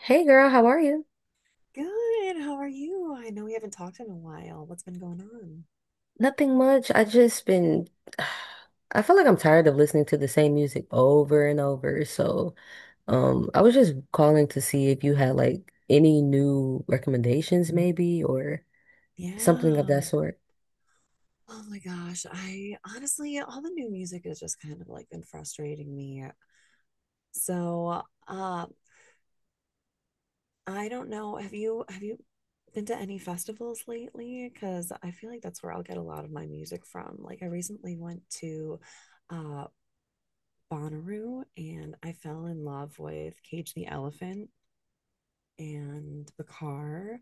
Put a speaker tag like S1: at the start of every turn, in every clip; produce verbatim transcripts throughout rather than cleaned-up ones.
S1: Hey girl, how are you?
S2: Good. How are you? I know we haven't talked in a while. What's been going on?
S1: Nothing much. I just been I feel like I'm tired of listening to the same music over and over. So, um, I was just calling to see if you had like any new recommendations maybe or something of
S2: Yeah.
S1: that sort.
S2: Oh my gosh. I honestly, all the new music has just kind of like been frustrating me. So, uh, I don't know. Have you have you been to any festivals lately? Because I feel like that's where I'll get a lot of my music from. Like I recently went to uh Bonnaroo and I fell in love with Cage the Elephant and Bakar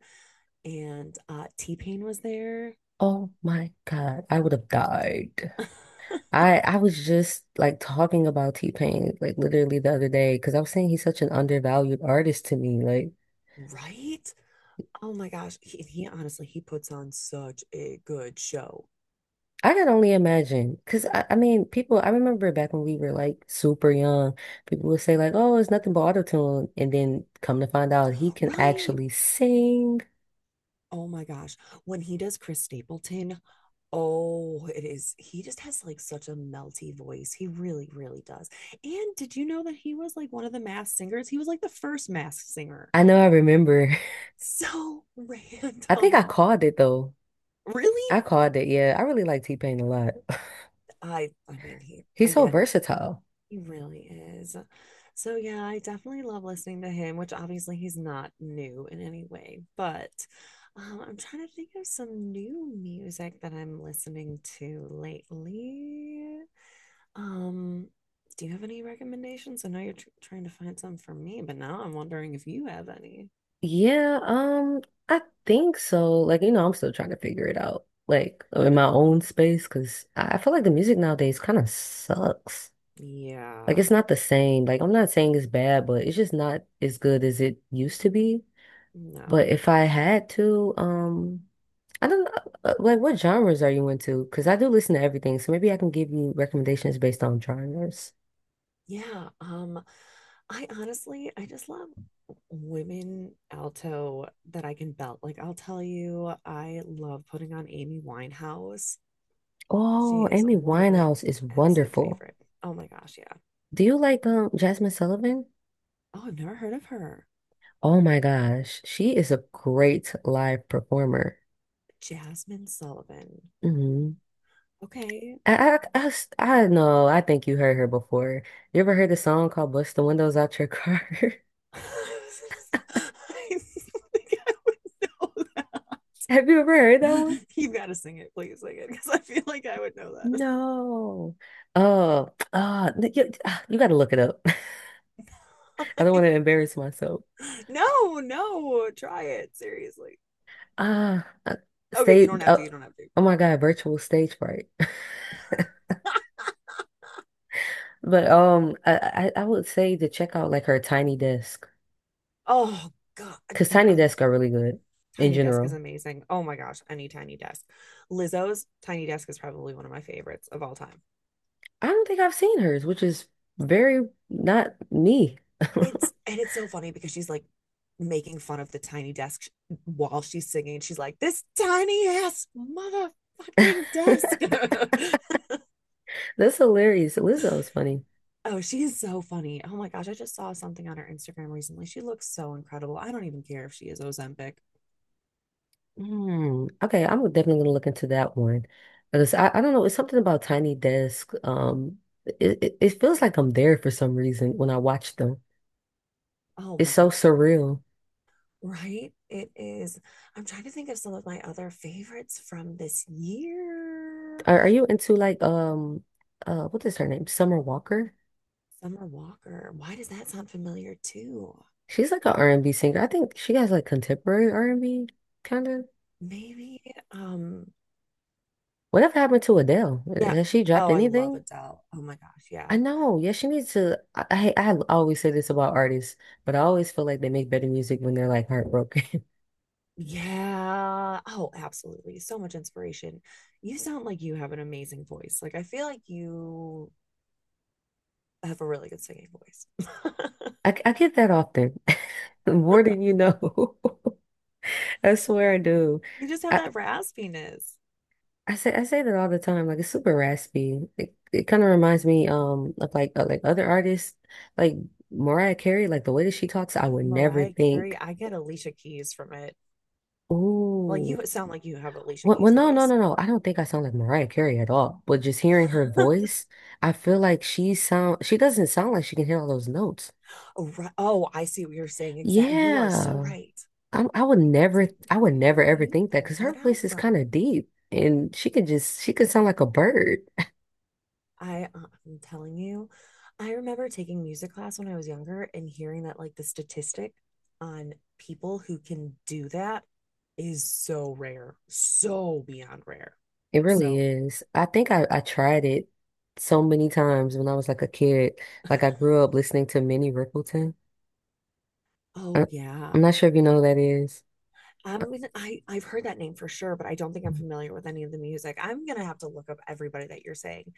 S2: and uh T-Pain was there.
S1: Oh my God, I would have died. I I was just like talking about T-Pain like literally the other day because I was saying he's such an undervalued artist to me. Like
S2: Right? Oh my gosh. He, he honestly, he puts on such a good show.
S1: I can only imagine, because I, I mean, people, I remember back when we were like super young, people would say like, oh, it's nothing but autotune. And then come to find out he can
S2: Right?
S1: actually sing.
S2: Oh my gosh. When he does Chris Stapleton, oh, it is. He just has like such a melty voice. He really, really does. And did you know that he was like one of the mass singers? He was like the first mass singer.
S1: I know I remember.
S2: So
S1: I think I
S2: random.
S1: called it though.
S2: Really?
S1: I called it. Yeah. I really like T-Pain a lot.
S2: I I mean, he
S1: He's so
S2: again,
S1: versatile.
S2: he really is. So yeah, I definitely love listening to him, which obviously he's not new in any way, but um, I'm trying to think of some new music that I'm listening to lately. Um, do you have any recommendations? I know you're tr trying to find some for me, but now I'm wondering if you have any.
S1: Yeah. Um, I think so. Like, you know, I'm still trying to figure it out, like in my own space, because I I feel like the music nowadays kind of sucks. Like
S2: Yeah,
S1: it's not the same. Like I'm not saying it's bad, but it's just not as good as it used to be.
S2: no,
S1: But if I had to, um, I don't know, uh, like what genres are you into? Because I do listen to everything, so maybe I can give you recommendations based on genres.
S2: yeah, um, I honestly, I just love women alto that I can belt. Like, I'll tell you, I love putting on Amy Winehouse. She
S1: Oh,
S2: is
S1: Amy
S2: one of my
S1: Winehouse is
S2: absolute
S1: wonderful.
S2: favorite. Oh my gosh, yeah.
S1: Do you like um Jasmine Sullivan?
S2: Oh, I've never heard of her.
S1: Oh my gosh, she is a great live performer.
S2: Jasmine Sullivan.
S1: hmm
S2: Okay.
S1: I, I, I, s- I know, I think you heard her before. You ever heard the song called Bust the Windows Out Your Car?
S2: I didn't think I would know
S1: Have you ever heard that one?
S2: that. You've got to sing it, please sing it, because I feel like I would know
S1: No. Oh, ah, n- you, ah, you got to look it up. I
S2: that.
S1: don't want to embarrass myself.
S2: No, no, try it seriously.
S1: Ah, uh,
S2: Okay, you
S1: stage.
S2: don't have
S1: Uh,
S2: to. You don't have to.
S1: oh my God, virtual stage fright. But um, I, I I would say to check out like her Tiny Desk
S2: Oh god, a
S1: because Tiny Desk are really good in
S2: tiny desk is
S1: general.
S2: amazing. Oh my gosh, any tiny desk. Lizzo's tiny desk is probably one of my favorites of all time.
S1: I don't think I've seen hers, which is very not me.
S2: It's and it's so funny because she's like making fun of the tiny desk while she's singing. She's like, "This tiny ass motherfucking desk."
S1: That's hilarious. Lizzo's funny.
S2: Oh, she is so funny. Oh my gosh, I just saw something on her Instagram recently. She looks so incredible. I don't even care if she is Ozempic.
S1: Hmm. Okay, I'm definitely gonna look into that one because I, I don't know. It's something about Tiny Desk. Um, it, it it feels like I'm there for some reason when I watch them.
S2: Oh
S1: It's
S2: my
S1: so
S2: god.
S1: surreal.
S2: Right? It is. I'm trying to think of some of my other favorites from this year.
S1: Are, are you into like um uh what is her name? Summer Walker?
S2: Summer Walker. Why does that sound familiar too?
S1: She's like an R and B singer. I think she has like contemporary R and B kind of.
S2: Maybe, um,
S1: Whatever happened to Adele?
S2: yeah.
S1: Has she dropped
S2: Oh, I love
S1: anything?
S2: Adele. Oh my gosh,
S1: I
S2: yeah.
S1: know. Yeah, she needs to. I I I always say this about artists, but I always feel like they make better music when they're like heartbroken.
S2: Yeah. Oh, absolutely. So much inspiration. You sound like you have an amazing voice. Like I feel like you have a really good singing voice.
S1: I, I get that often, more than you know. I swear I do.
S2: You just have
S1: I,
S2: that raspiness.
S1: I say I say that all the time. Like it's super raspy. It, it kind of reminds me um of like of like other artists, like Mariah Carey. Like the way that she talks, I would never
S2: Mariah Carey,
S1: think.
S2: I get Alicia Keys from it. Well,
S1: Ooh,
S2: you sound like you have Alicia
S1: well, well,
S2: Keys'
S1: no, no,
S2: voice.
S1: no, no. I don't think I sound like Mariah Carey at all. But just hearing her voice, I feel like she sound. She doesn't sound like she can hit all those notes.
S2: Oh, right. Oh, I see what you're saying. Exactly. You are so
S1: Yeah.
S2: right.
S1: I, I would
S2: It's
S1: never,
S2: like,
S1: I would never
S2: where do
S1: ever
S2: you
S1: think that
S2: pull
S1: because
S2: that
S1: her
S2: out
S1: voice is kind
S2: from?
S1: of deep and she could just, she could sound like a bird.
S2: I, uh, I'm telling you, I remember taking music class when I was younger and hearing that like the statistic on people who can do that is so rare, so beyond rare.
S1: It really
S2: So,
S1: is. I think I, I tried it so many times when I was like a kid. Like I grew up listening to Minnie Riperton. I,
S2: oh yeah.
S1: I'm not sure if you know who that is. Uh,
S2: I'm gonna, I I've heard that name for sure, but I don't think I'm familiar with any of the music. I'm gonna have to look up everybody that you're saying.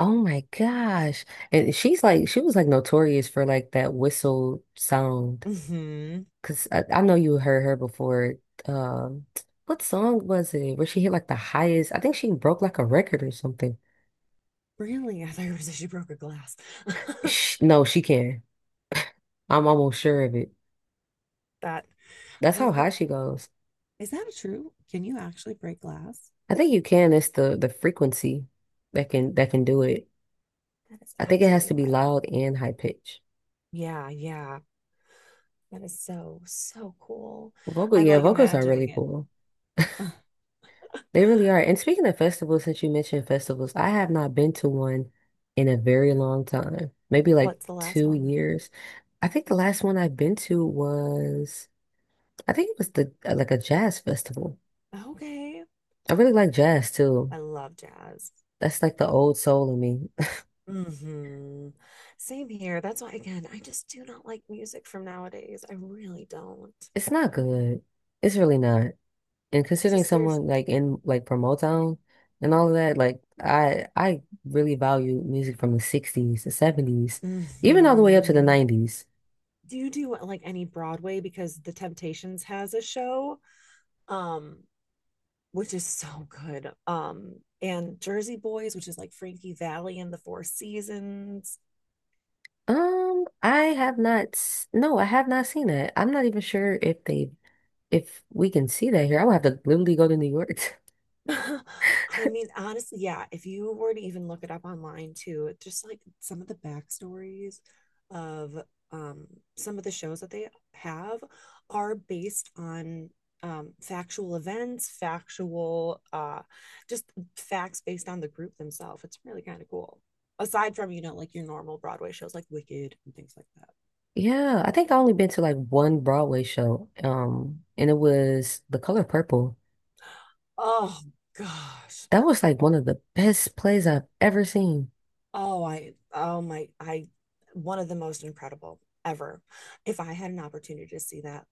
S1: Oh my gosh. And she's like, she was like notorious for like that whistle sound.
S2: Hmm.
S1: Cause I, I know you heard her before. Um, what song was it where she hit like the highest? I think she broke like a record or something.
S2: Really? I thought you were saying she broke a glass.
S1: Sh no, she can. I'm almost sure of it.
S2: That
S1: That's
S2: I
S1: how high
S2: want.
S1: she goes.
S2: Is that true? Can you actually break glass?
S1: I think you can. It's the the frequency that can that can do it.
S2: That is
S1: I think it has
S2: absolutely
S1: to be
S2: wild.
S1: loud and high pitch.
S2: Yeah, yeah. That is so, so cool.
S1: Vocal,
S2: I'm
S1: yeah,
S2: like
S1: vocals are really
S2: imagining it.
S1: cool. They really are. And speaking of festivals, since you mentioned festivals, I have not been to one in a very long time. Maybe like
S2: What's the last
S1: two
S2: one?
S1: years. I think the last one I've been to was I think it was the uh, like a jazz festival.
S2: Okay.
S1: I really like jazz too.
S2: I love jazz.
S1: That's like the
S2: Yeah.
S1: old soul in me.
S2: Mm-hmm. Same here. That's why, again, I just do not like music from nowadays. I really don't.
S1: It's not good. It's really not. And
S2: It's
S1: considering
S2: just there's.
S1: someone like in like from Motown and all of that, like I I really value music from the sixties, the seventies, even all the way up to the
S2: Mm-hmm.
S1: nineties.
S2: Do you do like any Broadway? Because The Temptations has a show, um, which is so good. Um, and Jersey Boys, which is like Frankie Valli and the Four Seasons.
S1: Um, I have not s- no, I have not seen that. I'm not even sure if they if we can see that here. I would have to literally go to New York.
S2: I mean, honestly, yeah, if you were to even look it up online too, just like some of the backstories of um, some of the shows that they have are based on um, factual events, factual, uh, just facts based on the group themselves. It's really kind of cool. Aside from, you know, like your normal Broadway shows like Wicked and things like that.
S1: Yeah, I think I only been to like one Broadway show, um, and it was The Color Purple.
S2: Oh, gosh.
S1: That was like one of the best plays I've ever seen.
S2: Oh, I, oh my, I, one of the most incredible ever. If I had an opportunity to see that,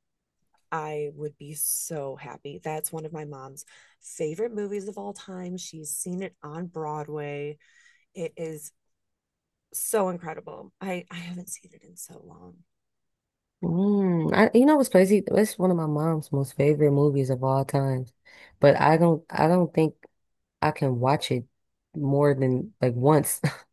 S2: I would be so happy. That's one of my mom's favorite movies of all time. She's seen it on Broadway. It is so incredible. I, I haven't seen it in so long.
S1: Mm, I, you know what's crazy? It's one of my mom's most favorite movies of all time, but I don't, I don't think I can watch it more than like once.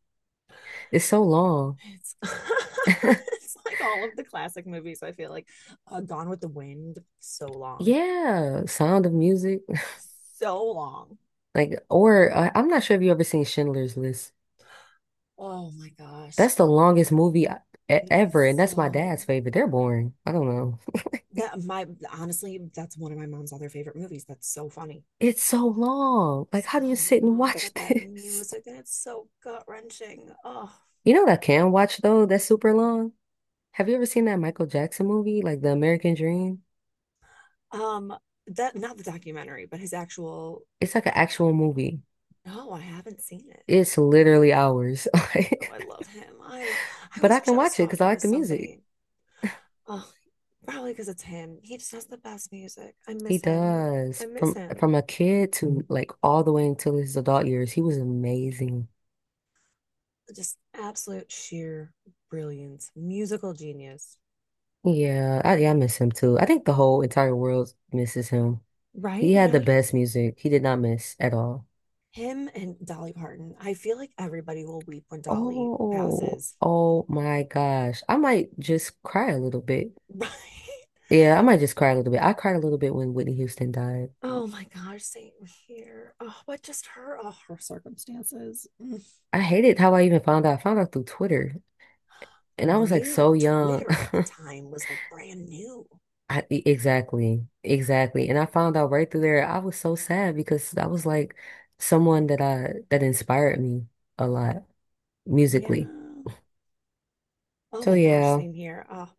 S1: It's so long.
S2: It's, it's like all of the classic movies, I feel like. Uh, Gone with the Wind, so long.
S1: Yeah, Sound of Music,
S2: So long.
S1: like, or uh, I'm not sure if you ever seen Schindler's List.
S2: Oh my gosh.
S1: That's the longest movie I, e-
S2: It is
S1: ever, and that's my dad's
S2: so
S1: favorite. They're boring. I don't know.
S2: that my honestly that's one of my mom's other favorite movies, that's so funny,
S1: It's so long. Like, how do you
S2: so
S1: sit and
S2: long,
S1: watch
S2: but that
S1: this?
S2: music, and it's so gut wrenching. Oh,
S1: You know what I can watch though? That's super long. Have you ever seen that Michael Jackson movie, like The American Dream?
S2: um that, not the documentary, but his actual.
S1: It's like an actual movie.
S2: No, I haven't seen it.
S1: It's literally hours.
S2: Oh, I
S1: Like,
S2: love him. I love, I
S1: but I
S2: was
S1: can
S2: just
S1: watch it because I
S2: talking to
S1: like the music.
S2: somebody. Oh, probably because it's him. He just has the best music. I
S1: He
S2: miss him.
S1: does.
S2: I miss
S1: From from
S2: him.
S1: a kid to like all the way until his adult years, he was amazing.
S2: Just absolute sheer brilliance, musical genius.
S1: Yeah, I, yeah, I miss him too. I think the whole entire world misses him. He
S2: Right, you
S1: had
S2: know,
S1: the
S2: you,
S1: best music. He did not miss at all.
S2: him and Dolly Parton. I feel like everybody will weep when Dolly
S1: Oh,
S2: passes.
S1: oh my gosh. I might just cry a little bit.
S2: Right?
S1: Yeah, I might just cry a little bit. I cried a little bit when Whitney Houston died.
S2: Oh my gosh, same here. Oh, but just her, oh, her circumstances. Mm.
S1: I hated how I even found out. I found out through Twitter. And I was like
S2: Really,
S1: so young.
S2: Twitter at the time was like brand new.
S1: I, e- exactly. Exactly. And I found out right through there. I was so sad because that was like someone that I that inspired me a lot
S2: Yeah.
S1: musically.
S2: Oh
S1: So
S2: my gosh,
S1: yeah.
S2: same here. Oh,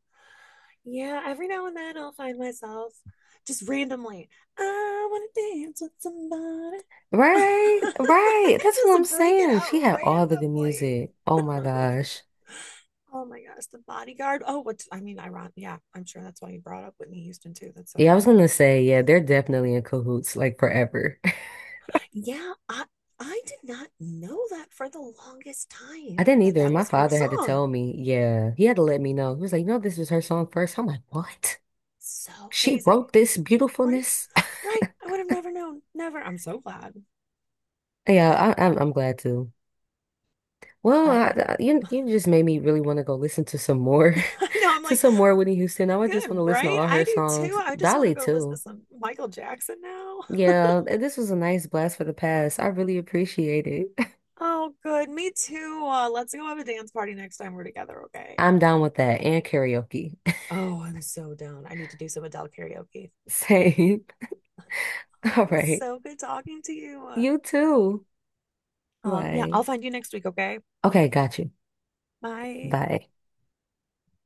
S2: yeah. Every now and then I'll find myself just randomly, I want to dance with somebody.
S1: Right, right. That's what I'm
S2: just break it
S1: saying.
S2: out
S1: She had all the good
S2: randomly.
S1: music. Oh my gosh.
S2: Oh my gosh, The Bodyguard. Oh, what's I mean, ironic. Yeah, I'm sure that's why you brought up Whitney Houston too. That's so
S1: Yeah, I was
S2: funny.
S1: gonna say, yeah, they're definitely in cahoots, like forever.
S2: Yeah, I I did not know that for the longest
S1: I
S2: time
S1: didn't
S2: that
S1: either.
S2: that
S1: My
S2: was her
S1: father had to
S2: song.
S1: tell me, yeah, he had to let me know. He was like, you know, this was her song first. I'm like, what?
S2: So
S1: She
S2: crazy.
S1: wrote this
S2: Right?
S1: beautifulness?
S2: Right. I would have never known. Never. I'm so glad.
S1: Yeah, I, I'm I'm glad to. Well,
S2: But
S1: I,
S2: yeah.
S1: I- you you just made me really want to go listen to some more,
S2: I know. I'm
S1: to
S2: like,
S1: some more Whitney Houston. Now I just
S2: good,
S1: want to listen to
S2: right?
S1: all
S2: I
S1: her
S2: do
S1: songs,
S2: too. I just want
S1: Dolly
S2: to go listen to
S1: too.
S2: some Michael Jackson now.
S1: Yeah, th- this was a nice blast for the past. I really appreciate it.
S2: Oh, good. Me too. Uh, let's go have a dance party next time we're together, okay?
S1: I'm down with that and karaoke.
S2: Oh, I'm so down. I need to do some Adele karaoke.
S1: Same.
S2: Oh,
S1: All
S2: it was
S1: right.
S2: so good talking to you.
S1: You too.
S2: Um, yeah,
S1: Bye.
S2: I'll find you next week, okay?
S1: Okay, got you.
S2: Bye.
S1: Bye.